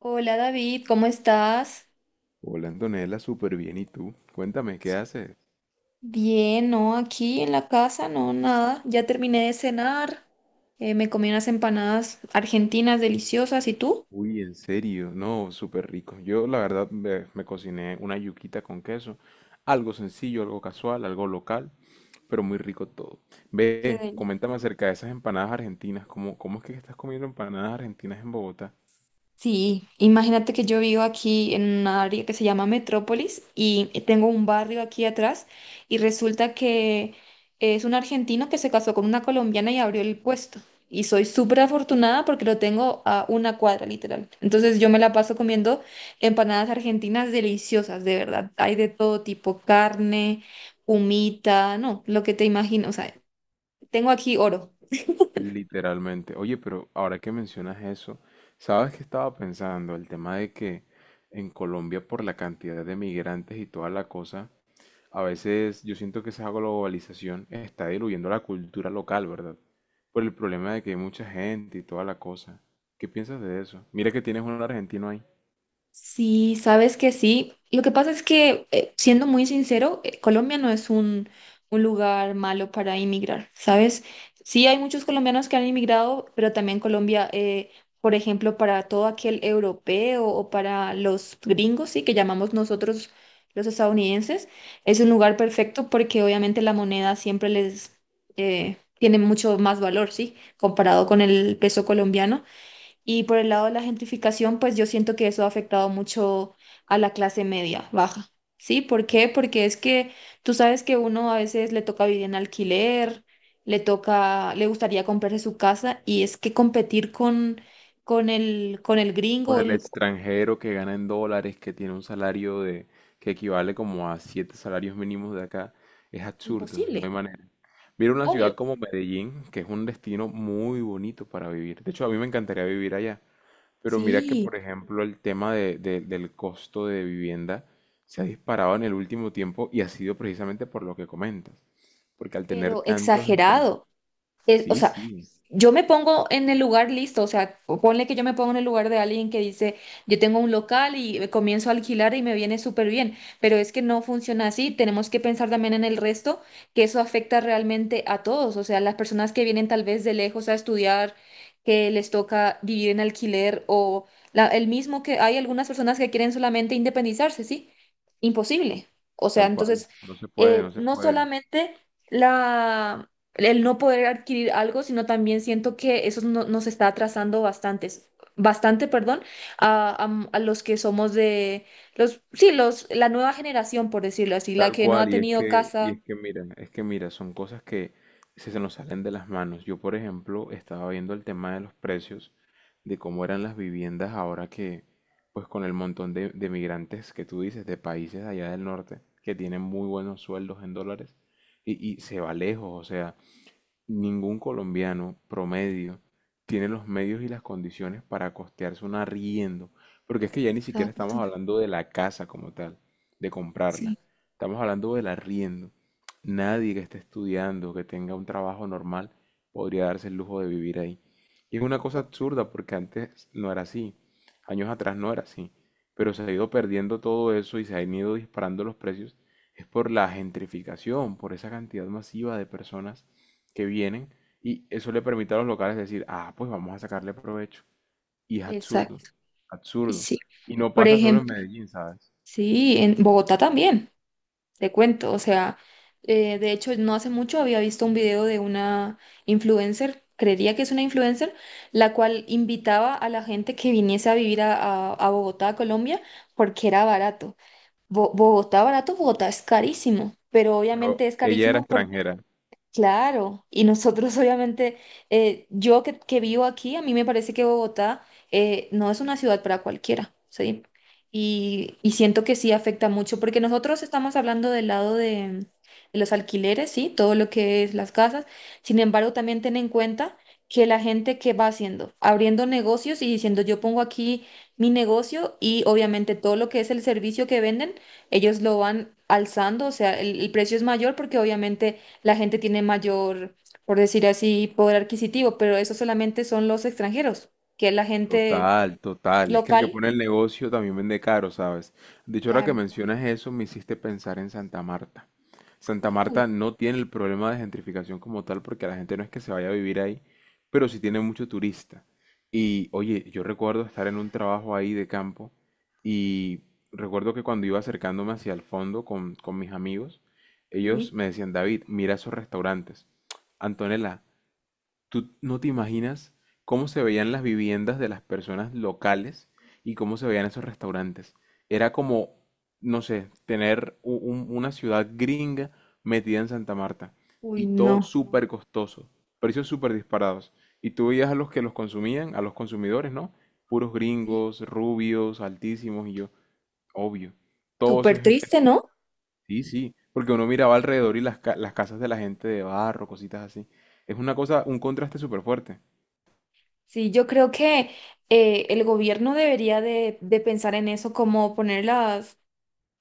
Hola David, ¿cómo estás? Hola Antonella, súper bien. ¿Y tú? Cuéntame, ¿qué haces? Bien, no, aquí en la casa, no, nada. Ya terminé de cenar, me comí unas empanadas argentinas deliciosas, ¿y tú? Uy, en serio, no, súper rico. Yo la verdad me cociné una yuquita con queso. Algo sencillo, algo casual, algo local, pero muy rico todo. Qué. Ve, coméntame acerca de esas empanadas argentinas. ¿Cómo es que estás comiendo empanadas argentinas en Bogotá? Sí, imagínate que yo vivo aquí en una área que se llama Metrópolis y tengo un barrio aquí atrás y resulta que es un argentino que se casó con una colombiana y abrió el puesto. Y soy súper afortunada porque lo tengo a una cuadra, literal. Entonces yo me la paso comiendo empanadas argentinas deliciosas, de verdad. Hay de todo tipo, carne, humita, no, lo que te imagino. O sea, tengo aquí oro. Literalmente. Oye, pero ahora que mencionas eso, ¿sabes qué estaba pensando? El tema de que en Colombia por la cantidad de migrantes y toda la cosa. A veces yo siento que esa globalización está diluyendo la cultura local, ¿verdad? Por el problema de que hay mucha gente y toda la cosa. ¿Qué piensas de eso? Mira que tienes un argentino ahí. Sí, sabes que sí. Lo que pasa es que, siendo muy sincero, Colombia no es un lugar malo para inmigrar, ¿sabes? Sí, hay muchos colombianos que han inmigrado, pero también Colombia, por ejemplo, para todo aquel europeo o para los gringos, sí, que llamamos nosotros los estadounidenses, es un lugar perfecto porque obviamente la moneda siempre les tiene mucho más valor, ¿sí? Comparado con el peso colombiano. Y por el lado de la gentrificación, pues yo siento que eso ha afectado mucho a la clase media, baja. ¿Sí? ¿Por qué? Porque es que tú sabes que uno a veces le toca vivir en alquiler, le toca, le gustaría comprarse su casa y es que competir con el Con gringo, el el- extranjero que gana en dólares, que tiene un salario de que equivale como a siete salarios mínimos de acá. Es absurdo, no imposible, hay manera. Mira una ciudad obvio. como Medellín, que es un destino muy bonito para vivir. De hecho, a mí me encantaría vivir allá. Pero mira que, Sí, por ejemplo, el tema del costo de vivienda se ha disparado en el último tiempo y ha sido precisamente por lo que comentas. Porque al tener pero tantos extranjeros. exagerado. Es- o Sí, sea, sí, yo me pongo en el lugar listo, o sea, ponle que yo me pongo en el lugar de alguien que dice, yo tengo un local y comienzo a alquilar y me viene súper bien, pero es que no funciona así, tenemos que pensar también en el resto, que eso afecta realmente a todos, o sea, las personas que vienen tal vez de lejos a estudiar, que les toca vivir en alquiler o la- el mismo que hay algunas personas que quieren solamente independizarse, ¿sí? Imposible. O sea, tal cual. entonces, No se puede, no se no puede. solamente la el no poder adquirir algo, sino también siento que eso no- nos está atrasando bastantes, bastante, perdón, a los que somos de los, sí, los, la nueva generación, por decirlo así, la Tal que no ha cual, y es tenido que, y casa. es que mira, es que mira, son cosas que se nos salen de las manos. Yo, por ejemplo, estaba viendo el tema de los precios, de cómo eran las viviendas ahora que, pues con el montón de migrantes que tú dices, de países allá del norte, que tienen muy buenos sueldos en dólares, y se va lejos, o sea, ningún colombiano promedio tiene los medios y las condiciones para costearse un arriendo, porque es que ya ni siquiera Exacto, estamos hablando de la casa como tal, de comprarla. sí. Estamos hablando del arriendo. Nadie que esté estudiando, que tenga un trabajo normal, podría darse el lujo de vivir ahí. Y es una cosa O- absurda porque antes no era así, años atrás no era así, pero se ha ido perdiendo todo eso y se han ido disparando los precios. Es por la gentrificación, por esa cantidad masiva de personas que vienen y eso le permite a los locales decir, ah, pues vamos a sacarle provecho. Y es absurdo, Exacto, y absurdo. sí. Y no Por pasa solo en ejemplo, Medellín, ¿sabes? sí, en Bogotá también. Te cuento, o sea, de hecho no hace mucho había visto un video de una influencer, creería que es una influencer, la cual invitaba a la gente que viniese a vivir a Bogotá, Colombia, porque era barato. Bo- Bogotá barato, Bogotá es carísimo, pero Pero obviamente es ella era carísimo. extranjera. Claro, y nosotros obviamente, yo que vivo aquí, a mí me parece que Bogotá no es una ciudad para cualquiera, ¿sí? Y siento que sí afecta mucho, porque nosotros estamos hablando del lado de los alquileres, ¿sí? Todo lo que es las casas. Sin embargo, también ten en cuenta que la gente que va haciendo, abriendo negocios y diciendo, yo pongo aquí mi negocio y obviamente todo lo que es el servicio que venden, ellos lo van alzando, o sea, el precio es mayor porque obviamente la gente tiene mayor, por decir así, poder adquisitivo, pero eso solamente son los extranjeros, que es la gente Total, total. Es que el que local. pone el negocio también vende caro, ¿sabes? De hecho, ahora que Claro. mencionas eso, me hiciste pensar en Santa Marta. Santa Uy, Marta no tiene el problema de gentrificación como tal, porque la gente no es que se vaya a vivir ahí, pero sí tiene mucho turista. Y oye, yo recuerdo estar en un trabajo ahí de campo y recuerdo que cuando iba acercándome hacia el fondo con mis amigos, ellos sí. me decían, David, mira esos restaurantes. Antonella, tú no te imaginas cómo se veían las viviendas de las personas locales y cómo se veían esos restaurantes. Era como, no sé, tener una ciudad gringa metida en Santa Marta. Uy, Y todo no. súper costoso, precios súper disparados. Y tú veías a los que los consumían, a los consumidores, ¿no? Puros Sí. gringos, rubios, altísimos, y yo, obvio. Todo eso Súper es gente. triste, ¿no? Sí, sí. Porque uno miraba alrededor y las casas de la gente de barro, cositas así. Es una cosa, un contraste súper fuerte. Sí, yo creo que el gobierno debería de pensar en eso, como poner las,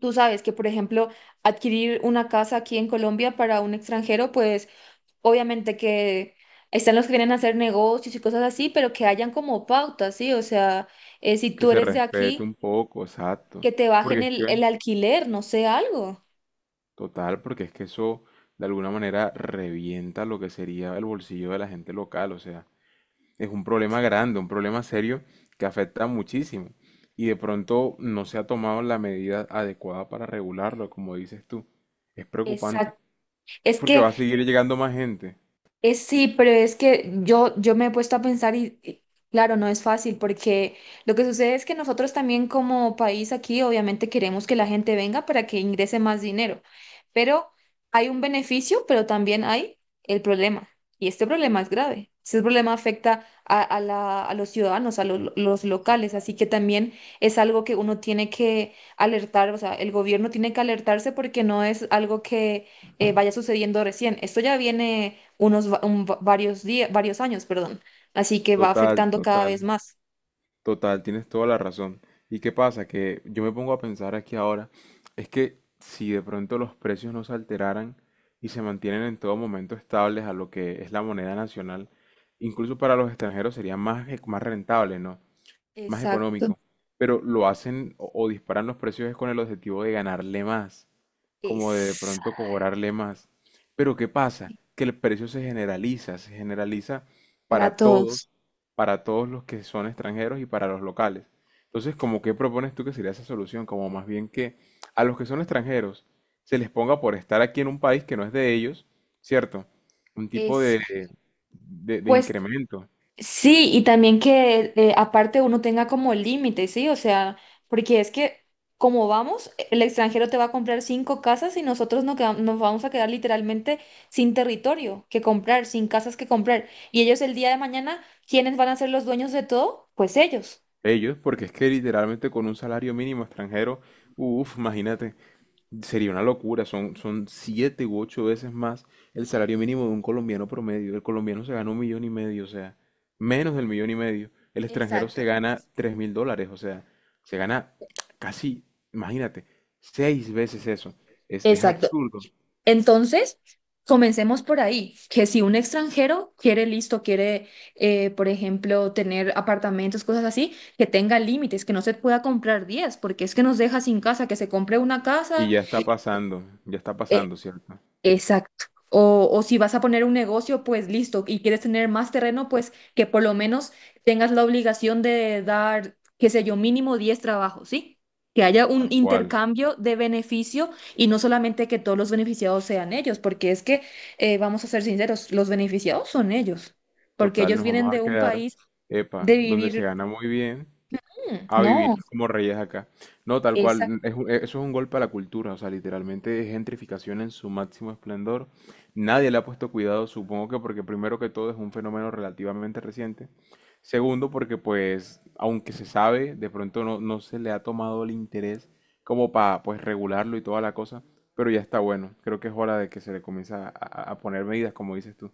tú sabes que, por ejemplo, adquirir una casa aquí en Colombia para un extranjero, pues obviamente que están los que vienen a hacer negocios y cosas así, pero que hayan como pautas, ¿sí? O sea, si Que tú se eres de respete un aquí, poco, exacto. que te Porque bajen es el que, alquiler, no sé, algo. total, porque es que eso de alguna manera revienta lo que sería el bolsillo de la gente local. O sea, es un problema grande, un problema serio que afecta muchísimo. Y de pronto no se ha tomado la medida adecuada para regularlo, como dices tú. Es preocupante, Exacto. Es porque que va a seguir llegando más gente. Sí, pero es que yo me he puesto a pensar y claro, no es fácil porque lo que sucede es que nosotros también como país aquí obviamente queremos que la gente venga para que ingrese más dinero, pero hay un beneficio, pero también hay el problema y este problema es grave. Este problema afecta a la- a los ciudadanos, a lo- los locales, así que también es algo que uno tiene que alertar, o sea, el gobierno tiene que alertarse porque no es algo que vaya sucediendo recién. Esto ya viene unos va- un va- varios días, varios años, perdón. Así que va Total, afectando cada vez total. más. Total, tienes toda la razón. ¿Y qué pasa? Que yo me pongo a pensar aquí ahora, es que si de pronto los precios no se alteraran y se mantienen en todo momento estables a lo que es la moneda nacional, incluso para los extranjeros sería más rentable, ¿no? Más Exacto. económico. Pero lo hacen o disparan los precios es con el objetivo de ganarle más como de Es pronto cobrarle más. Pero ¿qué pasa? Que el precio se generaliza para para todos. todos, para todos los que son extranjeros y para los locales. Entonces, ¿como qué propones tú que sería esa solución? Como más bien que a los que son extranjeros se les ponga por estar aquí en un país que no es de ellos, ¿cierto? Un tipo Es, de pues incremento sí, y también que aparte uno tenga como límite, ¿sí? O sea, porque es que como vamos, el extranjero te va a comprar 5 casas y nosotros no queda- nos vamos a quedar literalmente sin territorio que comprar, sin casas que comprar. Y ellos el día de mañana, ¿quiénes van a ser los dueños de todo? Pues ellos. ellos, porque es que literalmente con un salario mínimo extranjero, uff, imagínate, sería una locura, son siete u ocho veces más el salario mínimo de un colombiano promedio. El colombiano se gana un millón y medio, o sea, menos del millón y medio. El extranjero Exacto, se gana US$3.000, o sea, se gana casi, imagínate, seis veces eso. Es exacto. absurdo. Entonces, comencemos por ahí, que si un extranjero quiere listo, quiere, por ejemplo, tener apartamentos, cosas así, que tenga límites, que no se pueda comprar 10 porque es que nos deja sin casa, que se compre una Y casa. Sí, ya está eh, pasando, ¿cierto? exacto. O si vas a poner un negocio, pues listo, y quieres tener más terreno, pues que por lo menos tengas la obligación de dar, qué sé yo, mínimo 10 trabajos, ¿sí? Que haya un Tal cual. intercambio de beneficio y no solamente que todos los beneficiados sean ellos, porque es que, vamos a ser sinceros, los beneficiados son ellos, porque Total, ellos nos vamos vienen a de un quedar, país epa, de donde se vivir, gana muy bien, mm, a no. vivir como reyes acá. No, tal cual, eso es un golpe a la cultura, o sea, literalmente es gentrificación en su máximo esplendor. Nadie le ha puesto cuidado, supongo que porque primero que todo es un fenómeno relativamente reciente. Segundo, porque pues, aunque se sabe, de pronto no, no se le ha tomado el interés como para pues regularlo y toda la cosa, pero ya está bueno. Creo que es hora de que se le comience a poner medidas, como dices tú.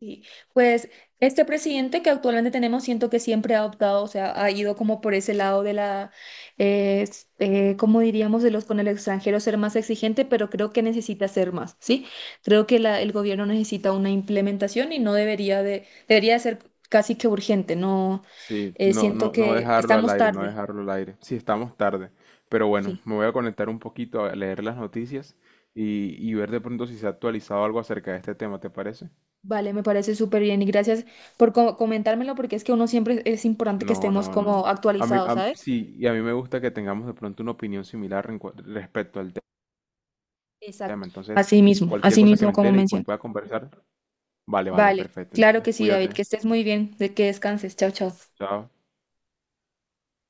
Sí, pues este presidente que actualmente tenemos siento que siempre ha optado, o sea, ha ido como por ese lado de la, ¿cómo diríamos, de los con el extranjero ser más exigente, pero creo que necesita ser más, ¿sí? Creo que la- el gobierno necesita una implementación y no debería de, debería de ser casi que urgente, no, Sí, no, siento no, no que dejarlo al estamos aire, no tarde, dejarlo al aire. Sí, estamos tarde. Pero bueno, sí. me voy a conectar un poquito a leer las noticias y ver de pronto si se ha actualizado algo acerca de este tema, ¿te parece? Vale, me parece súper bien y gracias por co- comentármelo porque es que uno siempre es importante que No, estemos no, no. como A mí, actualizados, ¿sabes? sí, y a mí me gusta que tengamos de pronto una opinión similar en respecto al tema. Exacto. Entonces, cualquier Así cosa que mismo me como entere y pues menciono. pueda conversar, vale, vale, Vale, perfecto. claro Entonces, que sí, David, que cuídate. estés muy bien, de que descanses. Chao, chao. Chao.